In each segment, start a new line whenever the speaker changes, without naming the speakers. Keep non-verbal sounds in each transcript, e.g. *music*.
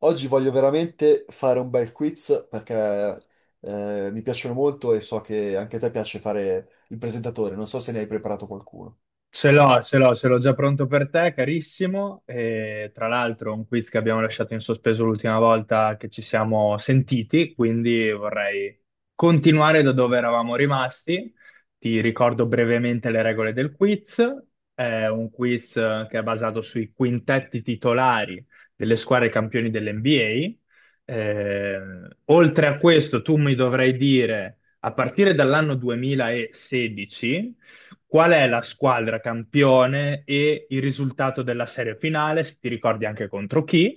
Oggi voglio veramente fare un bel quiz perché mi piacciono molto e so che anche a te piace fare il presentatore. Non so se ne hai preparato qualcuno.
Ce l'ho, ce l'ho, ce l'ho già pronto per te, carissimo. E, tra l'altro, un quiz che abbiamo lasciato in sospeso l'ultima volta che ci siamo sentiti, quindi vorrei continuare da dove eravamo rimasti. Ti ricordo brevemente le regole del quiz. È un quiz che è basato sui quintetti titolari delle squadre campioni dell'NBA. Oltre a questo, tu mi dovrai dire, a partire dall'anno 2016, qual è la squadra campione e il risultato della serie finale, se ti ricordi anche contro chi?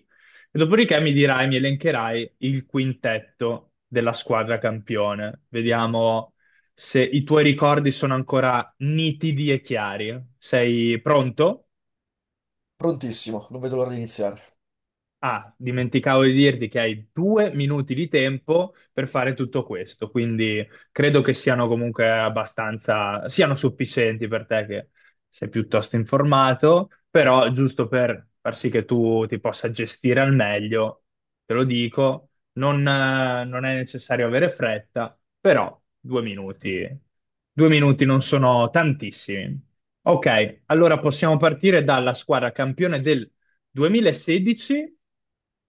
E dopodiché mi dirai, mi elencherai il quintetto della squadra campione. Vediamo se i tuoi ricordi sono ancora nitidi e chiari. Sei pronto?
Prontissimo, non vedo l'ora di iniziare.
Ah, dimenticavo di dirti che hai 2 minuti di tempo per fare tutto questo, quindi credo che siano comunque abbastanza, siano sufficienti per te che sei piuttosto informato, però giusto per far sì che tu ti possa gestire al meglio, te lo dico, non è necessario avere fretta, però 2 minuti, 2 minuti non sono tantissimi. Ok, allora possiamo partire dalla squadra campione del 2016,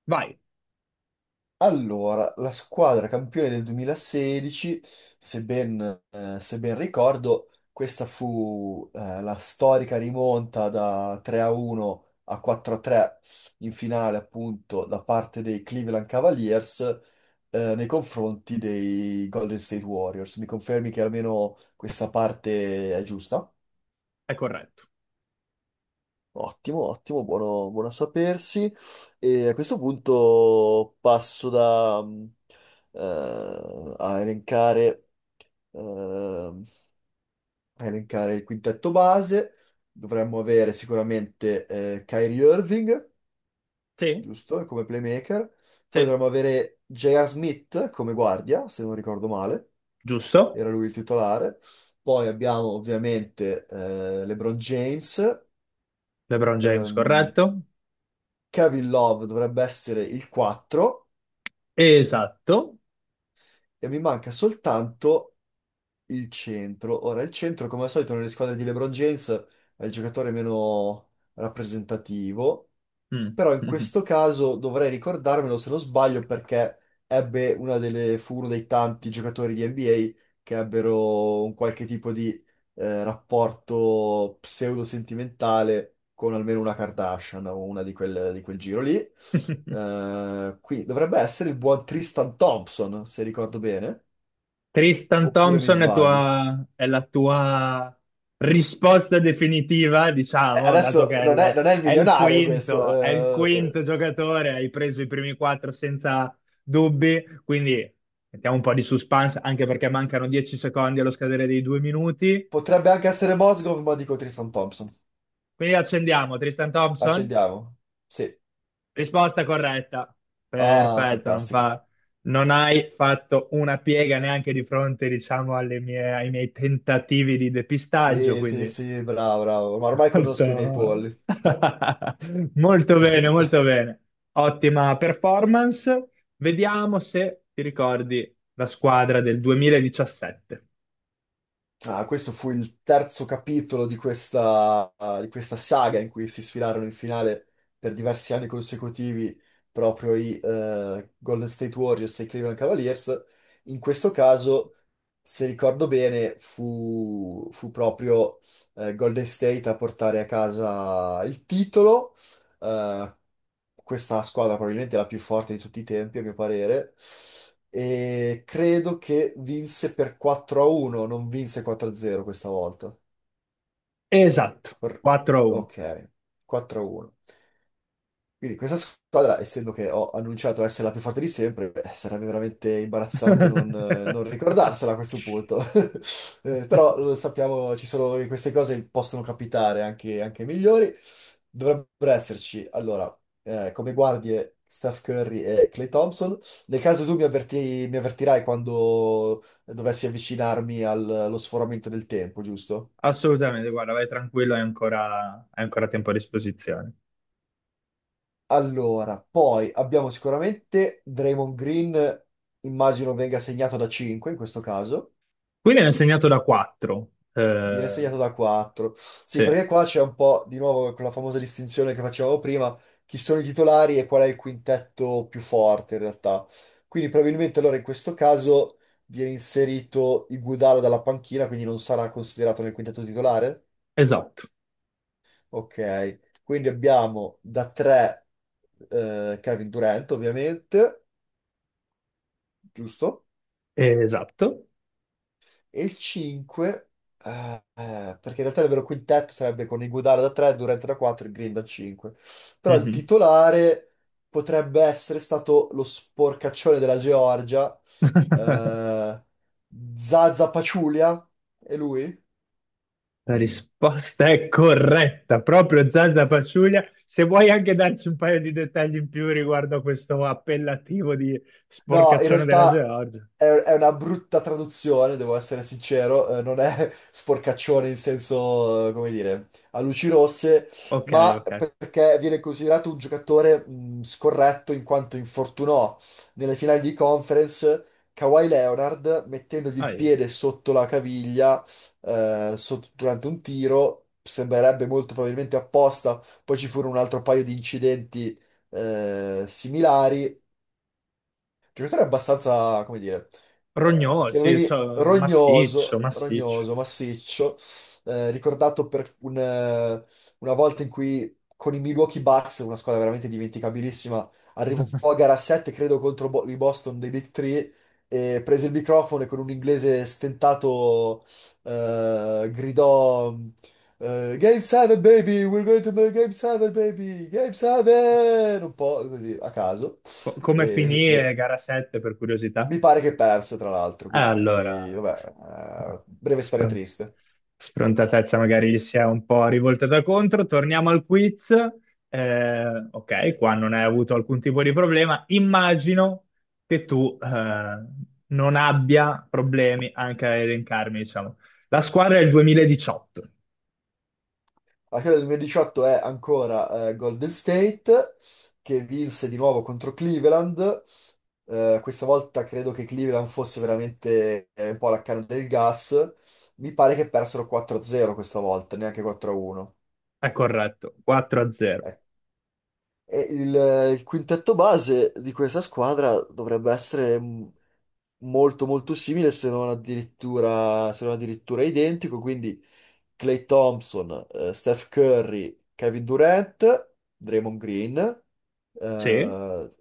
vai,
Allora, la squadra campione del 2016, se ben, se ben ricordo, questa fu la storica rimonta da 3 a 1 a 4 a 3 in finale, appunto, da parte dei Cleveland Cavaliers nei confronti dei Golden State Warriors. Mi confermi che almeno questa parte è giusta?
è corretto.
Ottimo, ottimo, buono, buono a sapersi. E a questo punto passo a eh, elencare il quintetto base. Dovremmo avere sicuramente Kyrie Irving,
Sì,
giusto, come playmaker. Poi
sì,
dovremmo avere J.R. Smith come guardia, se non ricordo male,
giusto.
era lui il titolare. Poi abbiamo ovviamente LeBron James.
LeBron James,
ehm,
corretto.
Kevin Love dovrebbe essere il 4
Esatto.
e mi manca soltanto il centro. Ora, il centro, come al solito, nelle squadre di LeBron James è il giocatore meno rappresentativo.
Mm.
Però in questo caso dovrei ricordarmelo se non sbaglio perché ebbe una delle, fu uno dei tanti giocatori di NBA che ebbero un qualche tipo di rapporto pseudo-sentimentale con almeno una Kardashian o una di quel giro lì.
*laughs*
Quindi dovrebbe essere il buon Tristan Thompson, se ricordo bene,
Tristan
oppure mi
Thompson
sbaglio.
è la tua risposta definitiva, diciamo, dato
Adesso
che
non è, non è il milionario questo,
è il
eh, eh,
quinto giocatore, hai preso i primi quattro senza dubbi, quindi mettiamo un po' di suspense, anche perché mancano 10 secondi allo scadere dei 2 minuti.
potrebbe anche essere Mozgov, ma dico Tristan Thompson.
Qui accendiamo Tristan Thompson.
Accendiamo. Sì.
Risposta corretta.
Ah,
Perfetto,
fantastico.
non hai fatto una piega neanche di fronte, diciamo, ai miei tentativi di depistaggio,
Sì, sì,
quindi
sì, bravo, bravo. Ma ormai conosco i miei
molto
polli.
*laughs* molto bene,
*laughs*
molto bene. Ottima performance. Vediamo se ti ricordi la squadra del 2017.
Ah, questo fu il terzo capitolo di questa, ah, di questa saga in cui si sfilarono in finale per diversi anni consecutivi proprio i Golden State Warriors e i Cleveland Cavaliers. In questo caso, se ricordo bene, fu proprio Golden State a portare a casa il titolo eh, Questa squadra probabilmente è la più forte di tutti i tempi, a mio parere. E credo che vinse per 4-1, non vinse 4-0 questa volta.
Esatto,
Per-
4-1.
Ok, 4-1. Quindi questa squadra, essendo che ho annunciato essere la più forte di sempre, beh, sarebbe veramente imbarazzante non ricordarsela a questo punto. *laughs* Però lo
*laughs*
sappiamo, ci sono queste cose possono capitare anche ai migliori. Dovrebbero esserci, allora, come guardie Steph Curry e Clay Thompson. Nel caso mi avvertirai quando dovessi avvicinarmi allo sforamento del tempo, giusto?
Assolutamente, guarda, vai tranquillo, hai ancora tempo a disposizione.
Allora, poi abbiamo sicuramente Draymond Green, immagino venga segnato da 5 in questo caso,
Quindi hanno segnato da 4.
viene segnato da 4.
Sì,
Sì, perché qua c'è un po' di nuovo quella famosa distinzione che facevamo prima, chi sono i titolari e qual è il quintetto più forte in realtà. Quindi probabilmente allora in questo caso viene inserito Iguodala dalla panchina, quindi non sarà considerato nel quintetto titolare.
esatto,
Ok, quindi abbiamo da 3 Kevin Durant ovviamente, giusto?
esatto.
E il 5, eh, perché in realtà il vero quintetto sarebbe con Iguodala da 3, Durant da 4 e Green da 5. Però il
Mhm.
titolare potrebbe essere stato lo sporcaccione della Georgia,
*laughs*
eh, Zaza Pachulia, è lui?
La risposta è corretta, proprio Zazza Paciuglia. Se vuoi anche darci un paio di dettagli in più riguardo a questo appellativo di
No, in
sporcaccione della
realtà
Georgia.
è una brutta traduzione, devo essere sincero, non è *laughs* sporcaccione in senso, come dire, a luci rosse,
Ok,
ma
ok.
perché viene considerato un giocatore scorretto in quanto infortunò nelle finali di conference Kawhi Leonard mettendogli
Ah,
il
eh.
piede sotto la caviglia durante un tiro, sembrerebbe molto probabilmente apposta, poi ci furono un altro paio di incidenti similari giocatore abbastanza, come dire,
Rognò,
che
sì,
avevi
massiccio,
rognoso,
massiccio.
rognoso, massiccio, ricordato per una volta in cui con i Milwaukee Bucks, una squadra veramente dimenticabilissima, arrivò a
*laughs*
gara 7, credo, contro i Boston dei Big Three, e prese il microfono e con un inglese stentato gridò... Game 7 baby, we're going to make Game 7 baby, Game 7! Un po' così a caso.
Come
Sì,
finì
beh,
gara 7 per curiosità?
mi pare che perse, tra l'altro, quindi,
Allora,
vabbè, breve storia
spron-
triste.
sfrontatezza magari gli si è un po' rivoltata contro. Torniamo al quiz. Ok, qua non hai avuto alcun tipo di problema. Immagino che tu non abbia problemi anche a elencarmi, diciamo. La squadra è il 2018,
Alla fine del 2018 è ancora Golden State, che vinse di nuovo contro Cleveland. Questa volta credo che Cleveland fosse veramente un po' la canna del gas. Mi pare che persero 4-0 questa volta, neanche 4-1.
è corretto, 4-0.
E il quintetto base di questa squadra dovrebbe essere molto molto simile, se non addirittura identico. Quindi Klay Thompson, Steph Curry, Kevin Durant, Draymond Green.
Sì,
Eh,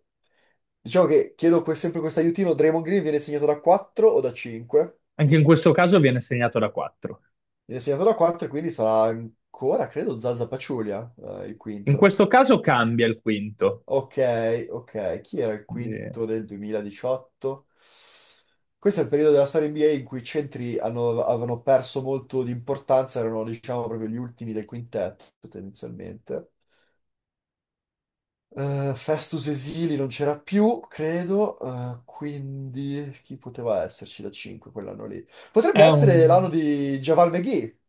diciamo che sempre questo aiutino, Draymond Green viene segnato da 4 o da 5?
anche in questo caso viene segnato da 4.
Viene segnato da 4 e quindi sarà ancora, credo, Zaza Pachulia, il
In
quinto.
questo caso cambia il quinto.
Ok, ok. Chi era il
Quindi
quinto del 2018? Questo è il periodo della storia NBA in cui avevano perso molto di importanza, erano diciamo proprio gli ultimi del quintetto tendenzialmente. Festus Esili non c'era più, credo, quindi chi poteva esserci da 5 quell'anno lì? Potrebbe
È
essere
un
l'anno di Javal McGee,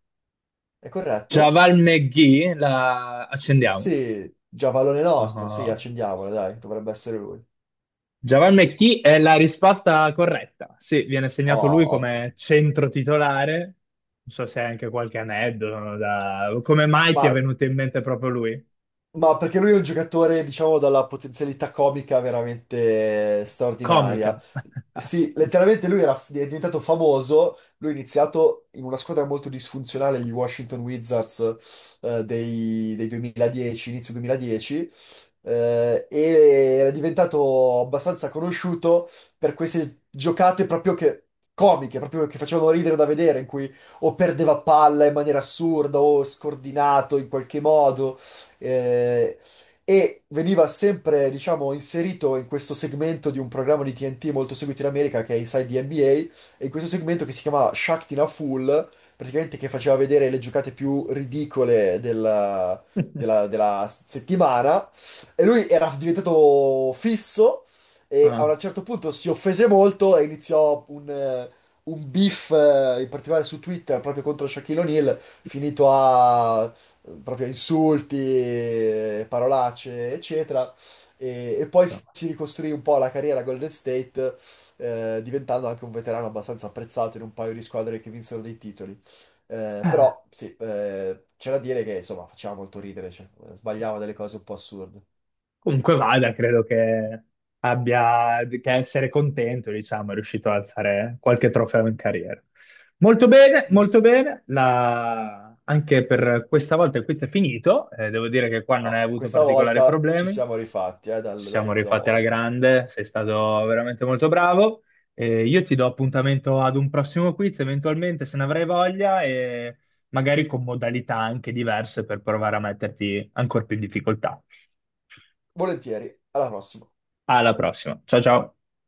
è corretto?
Javal McGee, la accendiamo.
Sì, Javalone nostro, sì,
Ah,
accendiamola, dai, dovrebbe essere lui.
Javal McGee è la risposta corretta. Sì, viene segnato lui
Oh, ottimo.
come centro titolare. Non so se hai anche qualche aneddoto Come mai ti è
Ma
venuto in mente proprio lui?
Ma perché lui è un giocatore, diciamo, dalla potenzialità comica veramente straordinaria.
Comica. *laughs*
Sì, letteralmente lui era, è diventato famoso, lui ha iniziato in una squadra molto disfunzionale, gli Washington Wizards, dei 2010, inizio 2010, eh, e era diventato abbastanza conosciuto per queste giocate proprio che, comiche, proprio che facevano ridere da vedere, in cui o perdeva palla in maniera assurda o scordinato in qualche modo eh, e veniva sempre, diciamo, inserito in questo segmento di un programma di TNT molto seguito in America che è Inside the NBA, e in questo segmento che si chiamava Shaq in a Fool, praticamente che faceva vedere le giocate più ridicole della, della settimana, e lui era diventato fisso, e a
Ah,
un certo punto si offese molto e iniziò un beef in particolare su Twitter proprio contro Shaquille O'Neal, finito a proprio insulti, parolacce, eccetera. E poi
insomma.
si ricostruì un po' la carriera a Golden State, diventando anche un veterano abbastanza apprezzato in un paio di squadre che vinsero dei titoli. Però sì, c'è da dire che insomma faceva molto ridere, cioè, sbagliava delle cose un po' assurde.
Comunque vada, credo che abbia che essere contento, diciamo, è riuscito ad alzare qualche trofeo in carriera. Molto bene, molto
Giusto.
bene. Anche per questa volta il quiz è finito. Devo dire che qua non
Ah,
hai avuto
questa
particolari
volta ci
problemi.
siamo rifatti,
Ci siamo
dall'ultima
rifatti alla
volta.
grande, sei stato veramente molto bravo. Io ti do appuntamento ad un prossimo quiz, eventualmente se ne avrai voglia, e magari con modalità anche diverse per provare a metterti ancora più in difficoltà.
Volentieri, alla prossima.
Alla prossima. Ciao ciao.